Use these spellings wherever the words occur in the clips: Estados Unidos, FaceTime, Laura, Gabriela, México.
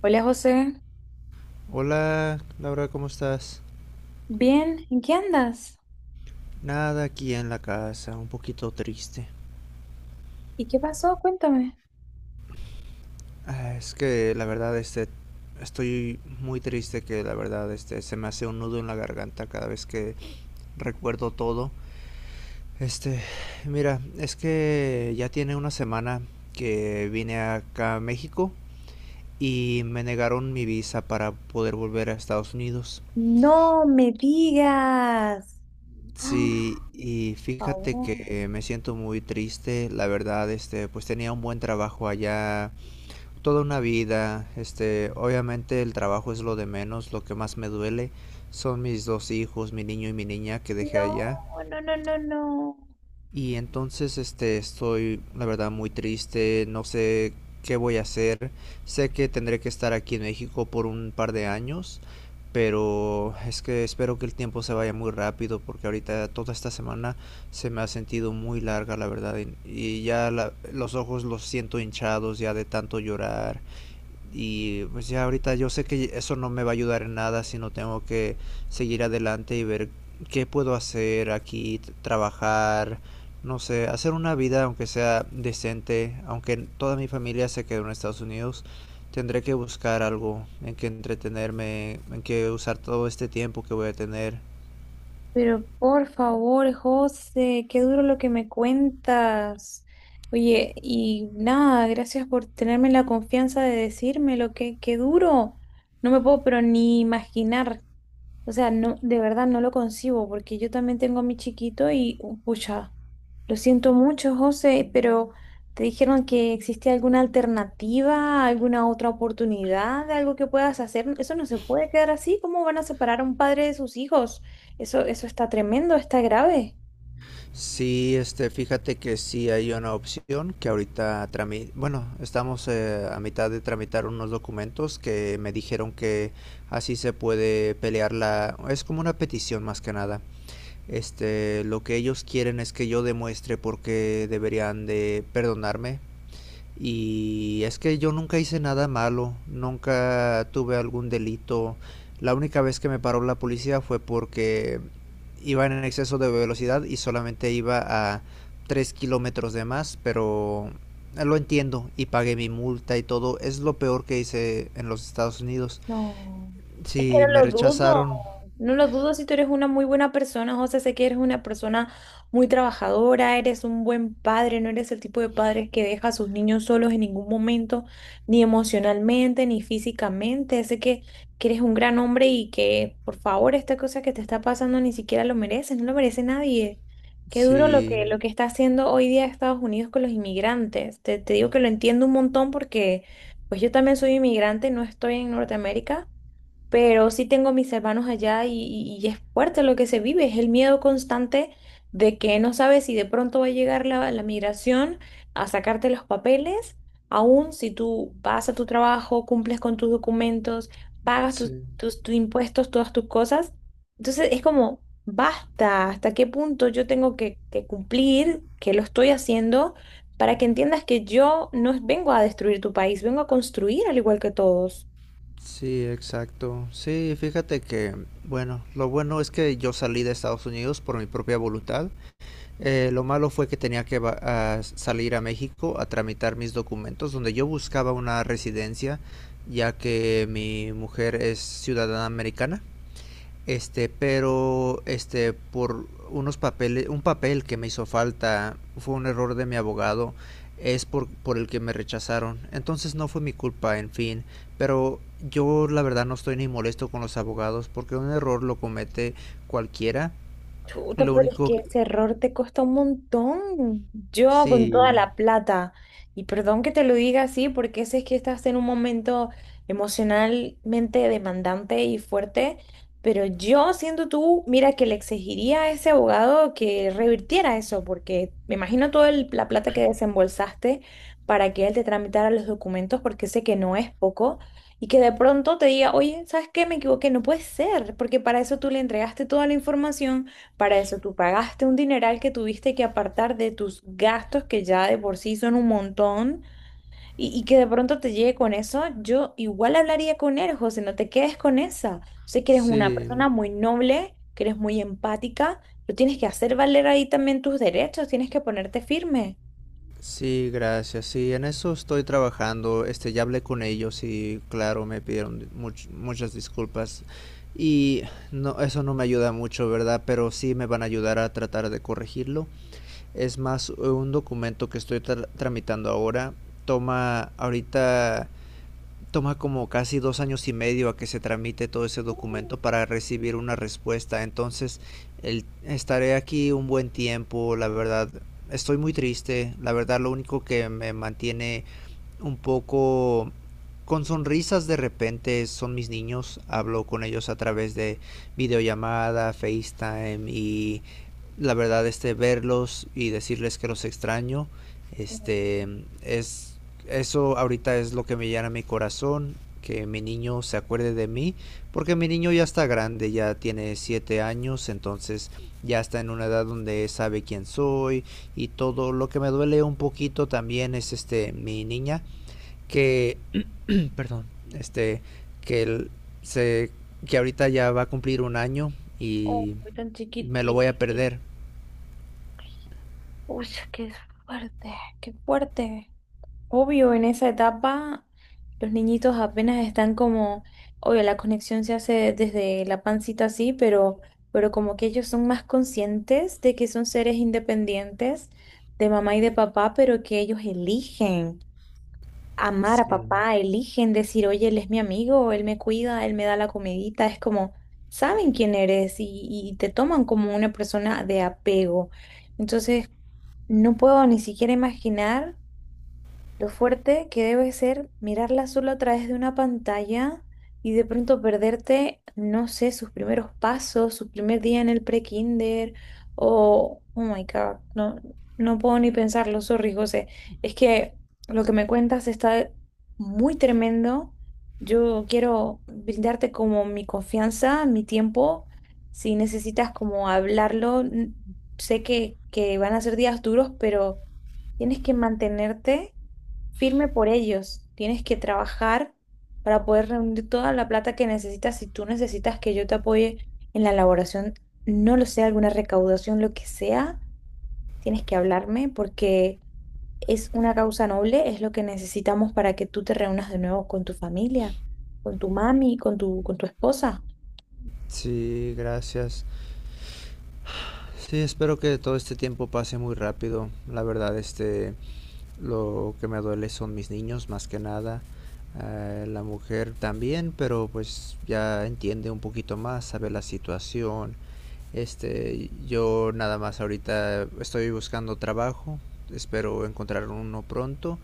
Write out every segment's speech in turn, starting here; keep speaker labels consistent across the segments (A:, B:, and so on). A: Hola José,
B: Hola, Laura, ¿cómo estás?
A: bien, ¿en qué andas?
B: Nada aquí en la casa, un poquito triste.
A: ¿Y qué pasó? Cuéntame.
B: Ah, es que la verdad, estoy muy triste que la verdad, se me hace un nudo en la garganta cada vez que recuerdo todo. Este, mira, es que ya tiene una semana que vine acá a México y me negaron mi visa para poder volver a Estados Unidos.
A: No me digas. Ah,
B: Sí, y
A: por
B: fíjate
A: favor.
B: que me siento muy triste, la verdad, pues tenía un buen trabajo allá, toda una vida, obviamente el trabajo es lo de menos, lo que más me duele son mis dos hijos, mi niño y mi niña que dejé
A: No,
B: allá,
A: no, no, no, no.
B: y entonces, estoy, la verdad, muy triste, no sé qué voy a hacer. Sé que tendré que estar aquí en México por un par de años, pero es que espero que el tiempo se vaya muy rápido porque ahorita toda esta semana se me ha sentido muy larga, la verdad, y ya los ojos los siento hinchados ya de tanto llorar y pues ya ahorita yo sé que eso no me va a ayudar en nada, sino tengo que seguir adelante y ver qué puedo hacer aquí, trabajar, no sé, hacer una vida aunque sea decente, aunque toda mi familia se quedó en Estados Unidos, tendré que buscar algo en que entretenerme, en que usar todo este tiempo que voy a tener.
A: Pero por favor, José, qué duro lo que me cuentas. Oye, y nada, gracias por tenerme la confianza de decírmelo, qué duro. No me puedo pero ni imaginar. O sea, no, de verdad no lo concibo porque yo también tengo a mi chiquito y, pucha, lo siento mucho, José, pero ¿te dijeron que existe alguna alternativa, alguna otra oportunidad de algo que puedas hacer? Eso no se puede quedar así. ¿Cómo van a separar a un padre de sus hijos? Eso está tremendo, está grave.
B: Sí, fíjate que sí hay una opción que ahorita bueno, estamos a mitad de tramitar unos documentos que me dijeron que así se puede pelear la, es como una petición más que nada. Lo que ellos quieren es que yo demuestre por qué deberían de perdonarme y es que yo nunca hice nada malo, nunca tuve algún delito. La única vez que me paró la policía fue porque iba en exceso de velocidad y solamente iba a 3 kilómetros de más, pero lo entiendo y pagué mi multa y todo. Es lo peor que hice en los Estados Unidos.
A: No, es que
B: Sí,
A: no
B: me
A: lo dudo,
B: rechazaron.
A: no lo dudo si tú eres una muy buena persona, José, sé que eres una persona muy trabajadora, eres un buen padre, no eres el tipo de padre que deja a sus niños solos en ningún momento, ni emocionalmente, ni físicamente, que eres un gran hombre y que, por favor, esta cosa que te está pasando ni siquiera lo mereces, no lo merece nadie. Qué duro
B: Sí,
A: lo que está haciendo hoy día Estados Unidos con los inmigrantes. Te digo que lo entiendo un montón porque... Pues yo también soy inmigrante, no estoy en Norteamérica, pero sí tengo mis hermanos allá y es fuerte lo que se vive, es el miedo constante de que no sabes si de pronto va a llegar la migración a sacarte los papeles, aun si tú vas a tu trabajo, cumples con tus documentos, pagas
B: sí,
A: tus impuestos, todas tus cosas. Entonces es como, basta, ¿hasta qué punto yo tengo que cumplir, que lo estoy haciendo? Para que entiendas que yo no vengo a destruir tu país, vengo a construir al igual que todos.
B: sí, exacto. Sí, fíjate que, bueno, lo bueno es que yo salí de Estados Unidos por mi propia voluntad. Lo malo fue que tenía que a salir a México a tramitar mis documentos, donde yo buscaba una residencia, ya que mi mujer es ciudadana americana. Pero por unos papeles, un papel que me hizo falta, fue un error de mi abogado, es por el que me rechazaron. Entonces no fue mi culpa, en fin, pero yo la verdad no estoy ni molesto con los abogados porque un error lo comete cualquiera.
A: Chuta,
B: Lo
A: pero es
B: único,
A: que ese error te cuesta un montón. Yo con toda
B: sí,
A: la plata, y perdón que te lo diga así, porque ese es que estás en un momento emocionalmente demandante y fuerte, pero yo siendo tú, mira que le exigiría a ese abogado que revirtiera eso, porque me imagino toda la plata que desembolsaste para que él te tramitara los documentos, porque sé que no es poco. Y que de pronto te diga, oye, ¿sabes qué? Me equivoqué, no puede ser, porque para eso tú le entregaste toda la información para eso tú pagaste un dineral que tuviste que apartar de tus gastos que ya de por sí son un montón y que de pronto te llegue con eso, yo igual hablaría con él, José, no te quedes con esa. Sé que eres una
B: sí,
A: persona muy noble, que eres muy empática, pero tienes que hacer valer ahí también tus derechos, tienes que ponerte firme.
B: sí, gracias. Sí, en eso estoy trabajando. Ya hablé con ellos y claro, me pidieron muchas disculpas. Y no, eso no me ayuda mucho, ¿verdad? Pero sí me van a ayudar a tratar de corregirlo. Es más, un documento que estoy tramitando ahora toma ahorita toma como casi 2 años y medio a que se tramite todo ese documento para recibir una respuesta. Entonces, estaré aquí un buen tiempo, la verdad. Estoy muy triste, la verdad lo único que me mantiene un poco con sonrisas de repente son mis niños, hablo con ellos a través de videollamada, FaceTime y la verdad verlos y decirles que los extraño,
A: Mm.
B: este es eso ahorita es lo que me llena mi corazón, que mi niño se acuerde de mí, porque mi niño ya está grande, ya tiene 7 años, entonces ya está en una edad donde sabe quién soy y todo lo que me duele un poquito también es mi niña que, perdón, este, que él se, que ahorita ya va a cumplir un año
A: Oh,
B: y
A: tan
B: me lo voy
A: chiquitito.
B: a perder.
A: Uy, qué fuerte, qué fuerte. Obvio, en esa etapa los niñitos apenas están como, obvio, la conexión se hace desde la pancita así, pero como que ellos son más conscientes de que son seres independientes de mamá y de papá, pero que ellos eligen amar a
B: Sí.
A: papá, eligen decir, oye, él es mi amigo, él me cuida, él me da la comidita, es como, saben quién eres y te toman como una persona de apego. Entonces, no puedo ni siquiera imaginar. Lo fuerte que debe ser mirarla solo a través de una pantalla y de pronto perderte, no sé, sus primeros pasos, su primer día en el pre-kinder o, oh my God, no, no puedo ni pensarlo, sorry, José. Es que lo que me cuentas está muy tremendo. Yo quiero brindarte como mi confianza, mi tiempo. Si necesitas como hablarlo, sé que van a ser días duros, pero tienes que mantenerte firme por ellos. Tienes que trabajar para poder reunir toda la plata que necesitas. Si tú necesitas que yo te apoye en la elaboración, no lo sé, alguna recaudación, lo que sea, tienes que hablarme porque es una causa noble, es lo que necesitamos para que tú te reúnas de nuevo con tu familia, con tu mami, con tu esposa.
B: Sí, gracias. Sí, espero que todo este tiempo pase muy rápido. La verdad, lo que me duele son mis niños, más que nada. La mujer también, pero pues ya entiende un poquito más, sabe la situación. Yo nada más ahorita estoy buscando trabajo, espero encontrar uno pronto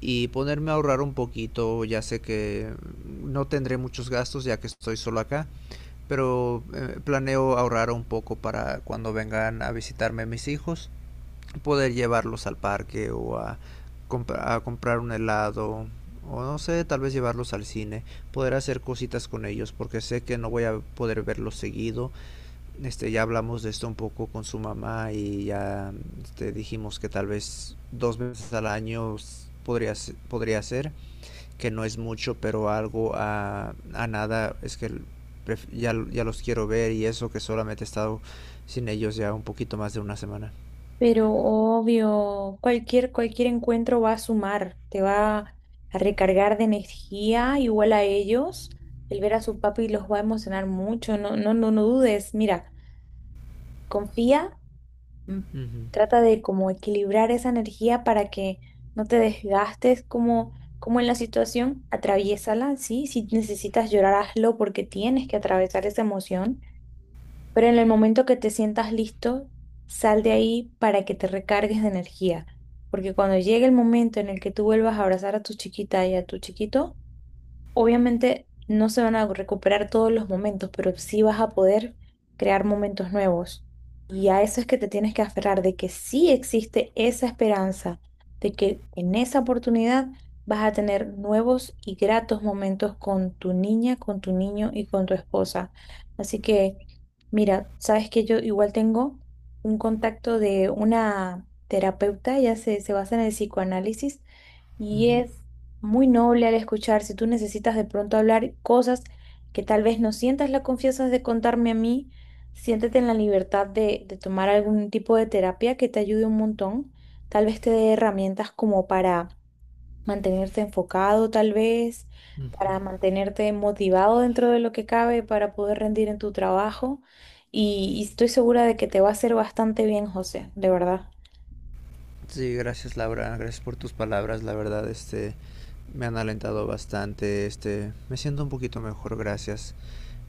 B: y ponerme a ahorrar un poquito, ya sé que no tendré muchos gastos ya que estoy solo acá, pero planeo ahorrar un poco para cuando vengan a visitarme mis hijos, poder llevarlos al parque o a comprar un helado o no sé, tal vez llevarlos al cine, poder hacer cositas con ellos porque sé que no voy a poder verlos seguido ya hablamos de esto un poco con su mamá y ya dijimos que tal vez 2 veces al año podría, podría ser, que no es mucho, pero algo a nada es que ya, ya, los quiero ver y eso que solamente he estado sin ellos ya un poquito más de una semana.
A: Pero obvio, cualquier encuentro va a sumar, te va a recargar de energía, igual a ellos. El ver a su papi los va a emocionar mucho, no, no, no, no dudes. Mira, confía, mm,
B: Uh -huh,
A: trata de como equilibrar esa energía para que no te desgastes como, como en la situación, atraviésala, ¿sí? Si necesitas llorar, hazlo porque tienes que atravesar esa emoción pero en el momento que te sientas listo, sal de ahí para que te recargues de energía. Porque cuando llegue el momento en el que tú vuelvas a abrazar a tu chiquita y a tu chiquito, obviamente no se van a recuperar todos los momentos, pero sí vas a poder crear momentos nuevos. Y a eso es que te tienes que aferrar, de que sí existe esa esperanza, de que en esa oportunidad vas a tener nuevos y gratos momentos con tu niña, con tu niño y con tu esposa. Así que, mira, sabes que yo igual tengo un contacto de una terapeuta, se basa en el psicoanálisis
B: uh
A: y
B: -huh,
A: es muy noble al escuchar si tú necesitas de pronto hablar cosas que tal vez no sientas la confianza de contarme a mí, siéntete en la libertad de tomar algún tipo de terapia que te ayude un montón. Tal vez te dé herramientas como para mantenerte enfocado, tal vez,
B: uh
A: para
B: -huh.
A: mantenerte motivado dentro de lo que cabe, para poder rendir en tu trabajo. Y estoy segura de que te va a hacer bastante bien, José, de verdad.
B: Sí, gracias, Laura, gracias por tus palabras, la verdad, me han alentado bastante, me siento un poquito mejor, gracias.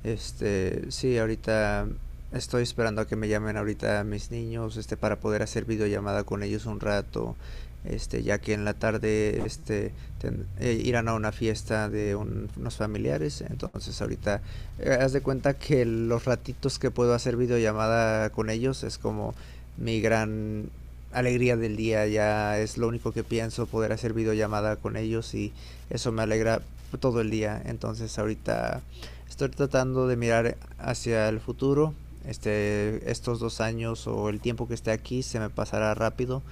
B: Sí, ahorita estoy esperando a que me llamen ahorita mis niños, para poder hacer videollamada con ellos un rato, ya que en la tarde, irán a una fiesta de unos familiares, entonces ahorita, haz de cuenta que los ratitos que puedo hacer videollamada con ellos es como mi gran alegría del día, ya es lo único que pienso, poder hacer videollamada con ellos y eso me alegra todo el día, entonces ahorita estoy tratando de mirar hacia el futuro. Estos 2 años o el tiempo que esté aquí se me pasará rápido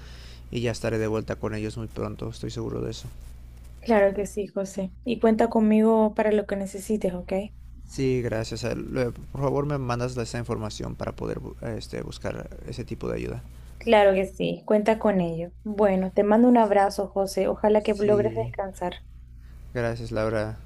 B: y ya estaré de vuelta con ellos muy pronto, estoy seguro de eso.
A: Claro que sí, José. Y cuenta conmigo para lo que necesites, ¿ok?
B: Sí, gracias. Por favor, me mandas esa información para poder buscar ese tipo de ayuda.
A: Claro que sí, cuenta con ello. Bueno, te mando un abrazo, José. Ojalá que logres
B: Sí,
A: descansar.
B: gracias, Laura.